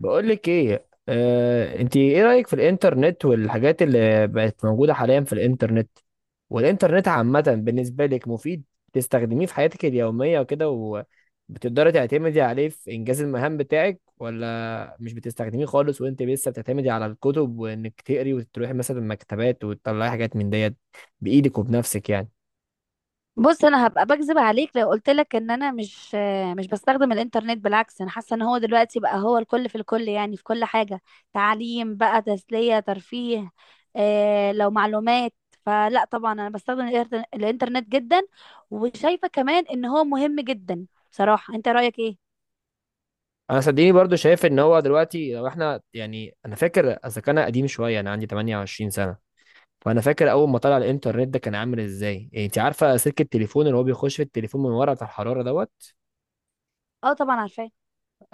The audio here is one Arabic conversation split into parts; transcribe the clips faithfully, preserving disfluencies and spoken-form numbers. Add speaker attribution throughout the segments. Speaker 1: بقول لك ايه، آه، انت ايه رايك في الانترنت والحاجات اللي بقت موجوده حاليا في الانترنت، والانترنت عامه بالنسبه لك مفيد؟ تستخدميه في حياتك اليوميه وكده؟ وبتقدري تعتمدي عليه في انجاز المهام بتاعك، ولا مش بتستخدميه خالص وانت لسه بتعتمدي على الكتب وانك تقري وتروحي مثلا المكتبات وتطلعي حاجات من ديت بايدك وبنفسك يعني؟
Speaker 2: بص، انا هبقى بكذب عليك لو قلت لك ان انا مش آه، مش بستخدم الانترنت. بالعكس، انا حاسه ان هو دلوقتي بقى هو الكل في الكل، يعني في كل حاجه. تعليم بقى، تسليه، ترفيه، آه لو معلومات. فلا طبعا انا بستخدم الإنتر- الانترنت جدا، وشايفه كمان ان هو مهم جدا. بصراحه، انت رايك ايه؟
Speaker 1: انا صدقيني برضو شايف ان هو دلوقتي لو احنا يعني انا فاكر اذا كان قديم شويه، انا عندي ثمانية وعشرين سنه. فانا فاكر اول ما طلع الانترنت ده كان عامل ازاي. إيه، انت عارفه سلك التليفون اللي هو بيخش في التليفون من ورا بتاع الحراره دوت؟
Speaker 2: اه طبعا عارفاه.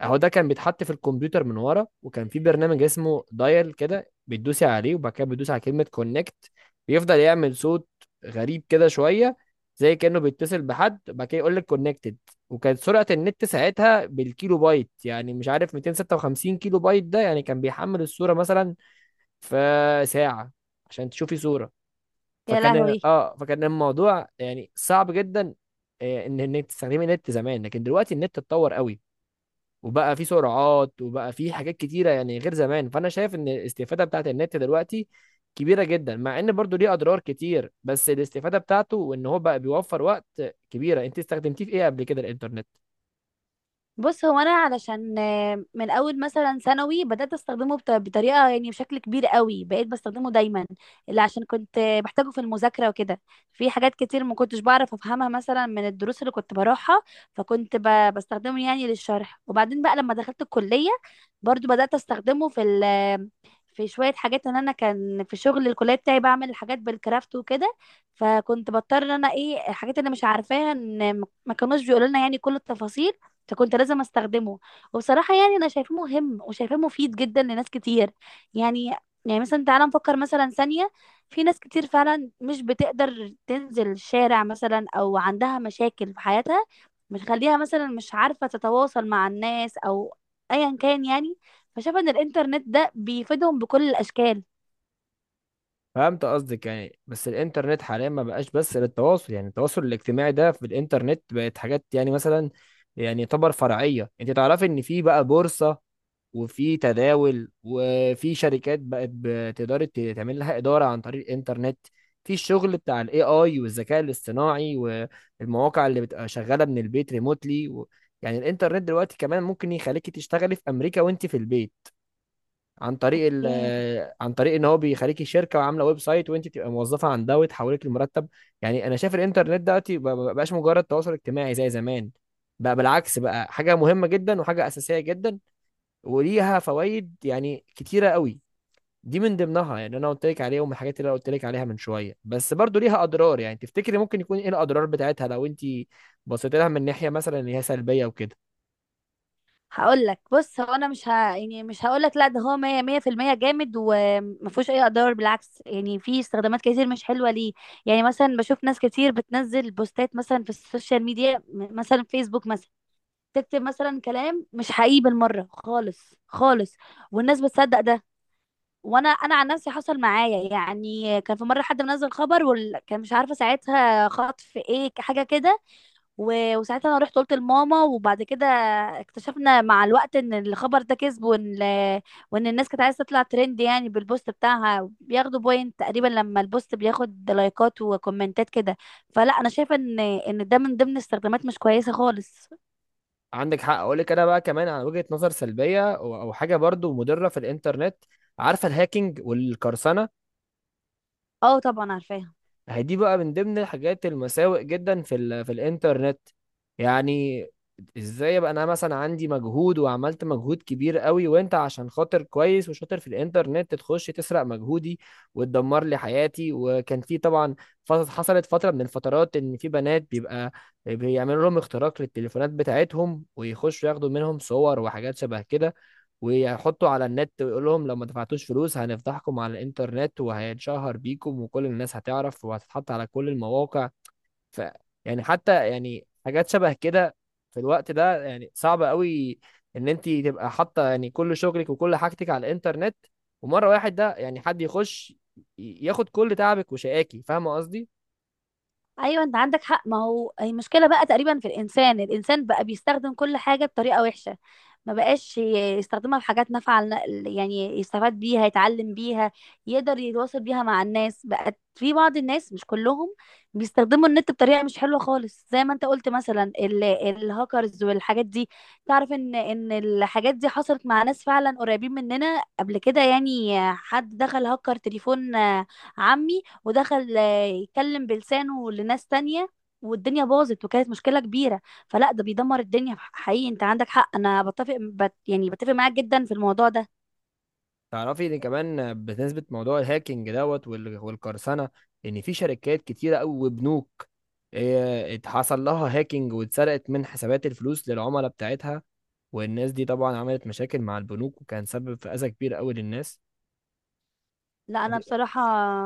Speaker 1: اهو ده كان بيتحط في الكمبيوتر من ورا، وكان في برنامج اسمه دايل كده بتدوسي عليه، وبعد كده بتدوسي على كلمه كونكت. بيفضل يعمل صوت غريب كده شويه، زي كانه بيتصل بحد، وبعد كده يقول لك كونكتد. وكانت سرعه النت ساعتها بالكيلو بايت، يعني مش عارف مئتين وستة وخمسين كيلو بايت ده، يعني كان بيحمل الصوره مثلا في ساعه عشان تشوفي صوره.
Speaker 2: يا
Speaker 1: فكان
Speaker 2: لهوي.
Speaker 1: اه فكان الموضوع يعني صعب جدا آه، ان انك تستخدمي النت زمان. لكن دلوقتي النت اتطور قوي، وبقى فيه سرعات، وبقى فيه حاجات كتيره يعني غير زمان. فانا شايف ان الاستفاده بتاعت النت دلوقتي كبيره جدا، مع ان برضو ليه اضرار كتير، بس الاستفاده بتاعته وان هو بقى بيوفر وقت كبيره. انت استخدمتيه في ايه قبل كده الانترنت؟
Speaker 2: بص، هو انا علشان آه، من اول مثلا ثانوي بدات استخدمه بط- بطريقه، يعني بشكل كبير قوي، بقيت بستخدمه دايما، اللي عشان كنت آه، بحتاجه في المذاكره وكده. في حاجات كتير ما كنتش بعرف افهمها مثلا من الدروس اللي كنت بروحها، فكنت ب- بستخدمه يعني للشرح. وبعدين بقى لما دخلت الكليه، برضو بدات استخدمه في ال آه، في شويه حاجات. ان انا كان في شغل الكليه بتاعي بعمل الحاجات بالكرافت وكده، فكنت بضطر ان انا ايه الحاجات اللي مش عارفاها، ان ما كانوش بيقولوا لنا يعني كل التفاصيل، فكنت لازم استخدمه. وبصراحة يعني انا شايفاه مهم وشايفاه مفيد جدا لناس كتير. يعني، يعني مثلا تعالى نفكر مثلا ثانية، في ناس كتير فعلا مش بتقدر تنزل الشارع مثلا، او عندها مشاكل في حياتها بتخليها مثلا مش عارفة تتواصل مع الناس، او ايا كان يعني. فشايفة ان الانترنت ده بيفيدهم بكل الاشكال.
Speaker 1: فهمت قصدك يعني، بس الانترنت حاليا ما بقاش بس للتواصل، يعني التواصل الاجتماعي ده في الانترنت بقت حاجات يعني مثلا يعني يعتبر فرعيه. انت تعرفي ان في بقى بورصه، وفي تداول، وفي شركات بقت بتقدر ت- تعمل لها إدارة عن طريق الإنترنت. في الشغل بتاع الاي اي والذكاء الاصطناعي، والمواقع اللي بتبقى شغالة من البيت ريموتلي و... يعني الإنترنت دلوقتي كمان ممكن يخليكي تشتغلي في أمريكا وأنت في البيت، عن طريق ال...
Speaker 2: اوكي،
Speaker 1: عن طريق ان هو بيخليكي شركه وعامله ويب سايت وانت تبقى موظفه عندها وتحولك لمرتب. يعني انا شايف الانترنت دلوقتي ما بقاش مجرد تواصل اجتماعي زي زمان، بقى بالعكس بقى حاجه مهمه جدا وحاجه اساسيه جدا، وليها فوائد يعني كتيرة قوي. دي من ضمنها، يعني انا قلت لك عليهم الحاجات اللي انا قلت لك عليها من شوية. بس برضو ليها اضرار، يعني تفتكري ممكن يكون ايه الاضرار بتاعتها لو انت بصيت لها من ناحية مثلا ان هي سلبية وكده؟
Speaker 2: هقول لك. بص، هو انا مش ه... يعني مش هقول لك لا، ده هو 100 100% جامد وما فيهوش اي اضرار، بالعكس يعني في استخدامات كتير مش حلوه ليه. يعني مثلا بشوف ناس كتير بتنزل بوستات مثلا في السوشيال ميديا، م- مثلا فيسبوك مثلا، تكتب مثلا كلام مش حقيقي بالمره خالص خالص، والناس بتصدق ده. وانا انا عن نفسي حصل معايا. يعني كان في مره حد منزل خبر وكان مش عارفه ساعتها خطف ايه حاجه كده، و- وساعتها انا رحت قلت لماما، وبعد كده اكتشفنا مع الوقت ان الخبر ده كذب، وان وان الناس كانت عايزه تطلع ترند يعني بالبوست بتاعها، بياخدوا بوينت تقريبا لما البوست بياخد لايكات وكومنتات كده. فلا انا شايفه ان ان ده من ضمن استخدامات مش كويسه خالص.
Speaker 1: عندك حق. اقول لك انا بقى كمان على وجهة نظر سلبية او أو حاجة برضو مضرة في الانترنت، عارفة الهاكينج والقرصنة؟
Speaker 2: اه طبعا عارفاها.
Speaker 1: هي دي بقى من ضمن الحاجات المساوئ جدا في ال في الانترنت. يعني ازاي ابقى انا مثلا عندي مجهود وعملت مجهود كبير قوي، وانت عشان خاطر كويس وشاطر في الانترنت تخش تسرق مجهودي وتدمر لي حياتي؟ وكان في طبعا، ف- حصلت فترة من الفترات ان في بنات بيبقى بيعملوا لهم اختراق للتليفونات بتاعتهم، ويخشوا ياخدوا منهم صور وحاجات شبه كده، ويحطوا على النت، ويقول لهم لو ما دفعتوش فلوس هنفضحكم على الانترنت وهيتشهر بيكم وكل الناس هتعرف وهتتحط على كل المواقع. ف يعني حتى يعني حاجات شبه كده في الوقت ده يعني صعب قوي ان انت تبقى حاطه يعني كل شغلك وكل حاجتك على الانترنت، ومره واحد ده يعني حد يخش ي- ياخد كل تعبك وشقاكي، فاهمه قصدي؟
Speaker 2: ايوه، انت عندك حق. ما هو المشكله بقى تقريبا في الانسان، الانسان بقى بيستخدم كل حاجه بطريقه وحشه، ما بقاش ي- يستخدمها في حاجات نافعه لن- يعني يستفاد بيها، يتعلم بيها، يقدر يتواصل بيها مع الناس. بقت في بعض الناس، مش كلهم، بيستخدموا النت بطريقه مش حلوه خالص، زي ما انت قلت، مثلا ال- الهاكرز والحاجات دي. تعرف ان ان الحاجات دي حصلت مع ناس فعلا قريبين مننا قبل كده. يعني حد دخل هكر تليفون، آه، عمي، ودخل آه، يتكلم بلسانه لناس تانية، والدنيا باظت وكانت مشكلة كبيرة. فلا ده بيدمر الدنيا حقيقي. انت عندك حق، انا بتفق بت يعني بتفق معاك جدا في الموضوع ده.
Speaker 1: تعرفي ان كمان بالنسبه لموضوع الهاكينج دوت وال- والقرصنه، ان في شركات كتيره قوي وبنوك إيه، اتحصل لها هاكينج واتسرقت من حسابات الفلوس للعملاء بتاعتها، والناس دي طبعا عملت مشاكل مع البنوك، وكان سبب في اذى كبير قوي للناس.
Speaker 2: لا انا بصراحة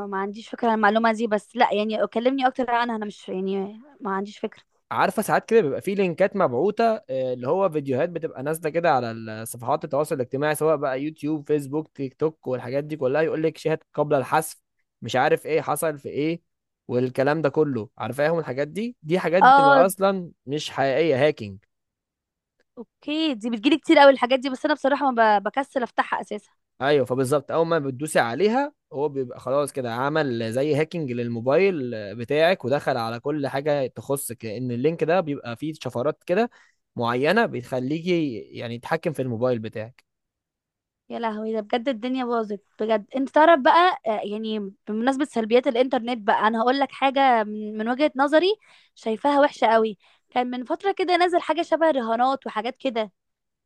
Speaker 2: ما عنديش فكرة عن المعلومة دي. بس لا يعني كلمني اكتر عنها، انا مش يعني ما عنديش فكرة.
Speaker 1: عارفه ساعات كده بيبقى في لينكات مبعوثه، آه، اللي هو فيديوهات بتبقى نازله كده على صفحات التواصل الاجتماعي، سواء بقى يوتيوب فيسبوك تيك توك والحاجات دي كلها، يقول لك شاهد قبل الحذف، مش عارف ايه حصل في ايه، والكلام ده كله، عارفاهم الحاجات دي؟ دي حاجات
Speaker 2: اه.
Speaker 1: بتبقى اصلا مش حقيقيه، هاكينج.
Speaker 2: اوكي، دي بتجيلي كتير قوي الحاجات دي، بس انا بصراحة ما ب- بكسل افتحها اساسا.
Speaker 1: ايوه، فبالظبط اول ما بتدوسي عليها هو بيبقى خلاص كده عمل زي هاكينج للموبايل بتاعك، ودخل على كل حاجه تخصك، لان اللينك ده بيبقى فيه شفرات كده معينه بتخليكي يعني يتحكم في الموبايل بتاعك.
Speaker 2: يا لهوي، ده بجد الدنيا باظت بجد. انت تعرف بقى، آه، يعني بمناسبة سلبيات الانترنت بقى، انا هقول لك حاجة من من وجهة نظري، شايفاها وحشة قوي. كان من فترة كده نازل حاجة شبه رهانات وحاجات كده.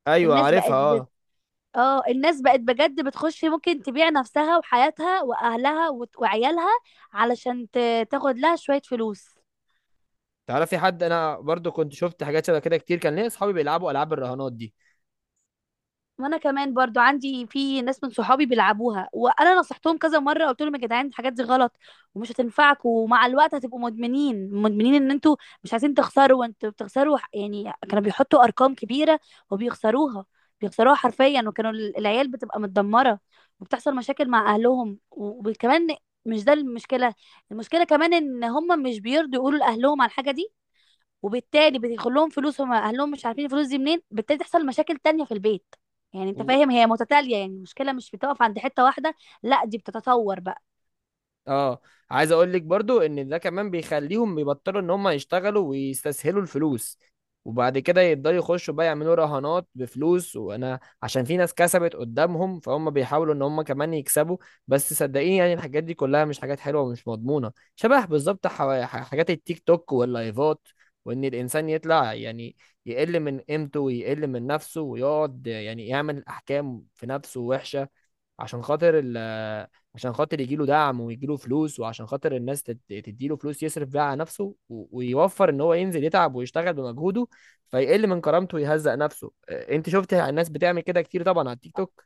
Speaker 1: ايوه
Speaker 2: الناس بقت
Speaker 1: عارفها،
Speaker 2: بت...
Speaker 1: اه.
Speaker 2: اه، الناس بقت بجد بتخش، ممكن تبيع نفسها وحياتها واهلها وت- وعيالها علشان ت... تاخد لها شوية فلوس.
Speaker 1: تعرفي حد، انا برضو كنت شفت حاجات شبه كده كتير، كان ليا اصحابي بيلعبوا العاب الرهانات دي
Speaker 2: وانا كمان برضو عندي في ناس من صحابي بيلعبوها، وانا نصحتهم كذا مره، قلت لهم يا جدعان الحاجات دي غلط ومش هتنفعكم، ومع الوقت هتبقوا مدمنين مدمنين، ان انتوا مش عايزين تخسروا وانتوا بتخسروا. ح- يعني كانوا بيحطوا ارقام كبيره وبيخسروها، بيخسروها حرفيا. وكانوا ال- العيال بتبقى متدمره، وبتحصل مشاكل مع اهلهم، و- وكمان مش ده المشكله. المشكله كمان ان هم مش بيرضوا يقولوا لاهلهم على الحاجه دي، وبالتالي بيدخل لهم فلوس، هم اهلهم مش عارفين الفلوس دي منين، بالتالي تحصل مشاكل تانية في البيت. يعني انت
Speaker 1: و-
Speaker 2: فاهم، هي متتالية يعني، المشكلة مش بتقف عند حتة واحدة، لا دي بتتطور بقى.
Speaker 1: اه. عايز اقول لك برضو ان ده كمان بيخليهم يبطلوا ان هم يشتغلوا ويستسهلوا الفلوس، وبعد كده يقدروا يخشوا بقى يعملوا رهانات بفلوس، وانا عشان في ناس كسبت قدامهم فهم بيحاولوا ان هم كمان يكسبوا. بس صدقيني يعني الحاجات دي كلها مش حاجات حلوة ومش مضمونة، شبه بالظبط حوا- ح- حاجات التيك توك واللايفات، وان الانسان يطلع يعني يقل من قيمته ويقل من نفسه، ويقعد يعني يعمل احكام في نفسه وحشة، عشان خاطر ال عشان خاطر يجيله دعم ويجيله فلوس، وعشان خاطر الناس تد- تديله فلوس يصرف بيها على نفسه و- ويوفر ان هو ينزل يتعب ويشتغل بمجهوده. فيقل من كرامته ويهزق نفسه. آه، انت شفت الناس بتعمل كده كتير طبعا على التيك توك.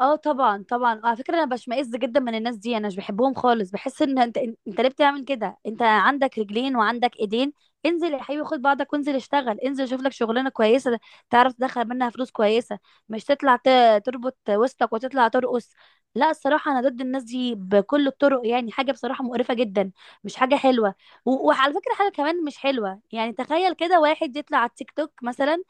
Speaker 2: اه طبعا طبعا. على فكره، انا بشمئز جدا من الناس دي، انا مش بحبهم خالص. بحس ان انت انت ليه بتعمل كده؟ انت عندك رجلين وعندك ايدين، انزل يا حبيبي، خد بعضك وانزل اشتغل، انزل شوف لك شغلانه كويسه تعرف تدخل منها فلوس كويسه. مش تطلع ت- تربط وسطك وتطلع ترقص. لا الصراحه انا ضد الناس دي بكل الطرق، يعني حاجه بصراحه مقرفه جدا، مش حاجه حلوه. و- وعلى فكره، حاجه كمان مش حلوه. يعني تخيل كده واحد يطلع على التيك توك مثلا،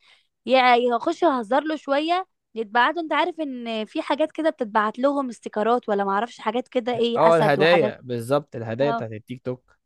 Speaker 2: يا اخش اهزر له شويه، يتبعتوا. انت عارف ان في حاجات كده بتتبعت لهم استيكرات، ولا معرفش حاجات كده ايه،
Speaker 1: اه
Speaker 2: اسد وحاجات.
Speaker 1: الهدايا بالظبط، الهدايا
Speaker 2: اه.
Speaker 1: بتاعت التيك توك.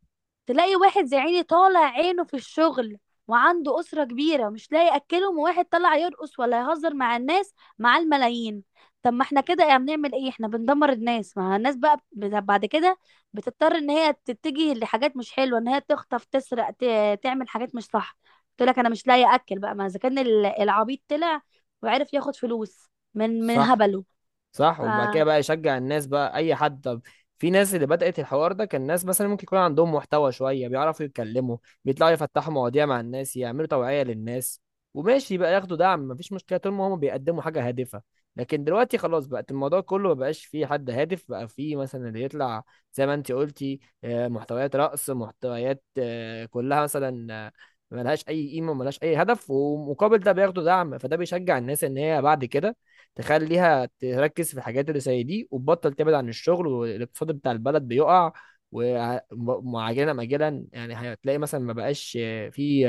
Speaker 2: تلاقي واحد زي عيني طالع عينه في الشغل، وعنده أسرة كبيرة مش لاقي يأكلهم، وواحد طلع يرقص ولا يهزر مع الناس، مع الملايين. طب ما احنا كده يعني بنعمل ايه؟ احنا بندمر الناس. ما الناس بقى بت- بعد كده بتضطر ان هي تتجه لحاجات مش حلوة، ان هي تخطف، تسرق، ت- تعمل حاجات مش صح. قلت لك انا مش لاقي اكل بقى، ما اذا كان ال- العبيط طلع وعرف ياخد فلوس من من
Speaker 1: صح.
Speaker 2: هبله.
Speaker 1: صح. وبعد كده
Speaker 2: فعندك
Speaker 1: بقى يشجع الناس، بقى اي حد. طب في ناس اللي بدأت الحوار ده كان ناس مثلا ممكن يكون عندهم محتوى شوية، بيعرفوا يتكلموا، بيطلعوا يفتحوا مواضيع مع الناس، يعملوا توعية للناس، وماشي بقى ياخدوا دعم، مفيش مشكلة طول ما هم بيقدموا حاجة هادفة. لكن دلوقتي خلاص بقت الموضوع كله ما بقاش فيه حد هادف، بقى فيه مثلا اللي يطلع زي ما انت قلتي، آه، محتويات رقص، محتويات آه، كلها مثلا، آه، ملهاش اي قيمة ملهاش اي هدف، ومقابل ده بياخدوا دعم، فده بيشجع الناس ان هي بعد كده تخليها تركز في الحاجات اللي زي دي وتبطل تبعد عن الشغل، والاقتصاد بتاع البلد بيقع. ومعجلا مجلا يعني هتلاقي مثلا ما بقاش في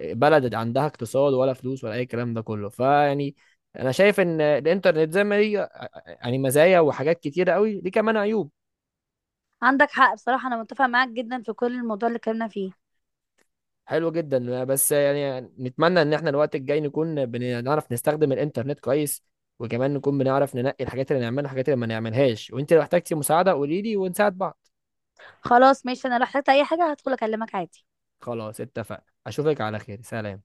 Speaker 1: بلد عندها اقتصاد ولا فلوس ولا اي كلام ده كله، فيعني انا شايف ان الانترنت زي ما ليه يعني مزايا وحاجات كتيره قوي، ليه كمان عيوب.
Speaker 2: حق. بصراحة انا متفقة معاك جدا في كل الموضوع اللي اتكلمنا فيه.
Speaker 1: حلو جدا. بس يعني نتمنى ان احنا الوقت الجاي نكون بنعرف نستخدم الانترنت كويس، وكمان نكون بنعرف ننقي الحاجات اللي نعملها والحاجات اللي ما نعملهاش. وانت لو احتجتي مساعده قولي لي ونساعد بعض.
Speaker 2: خلاص ماشي، انا لو احتجت اي حاجة هدخل اكلمك عادي.
Speaker 1: خلاص اتفقنا، اشوفك على خير، سلام.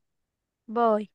Speaker 2: باي.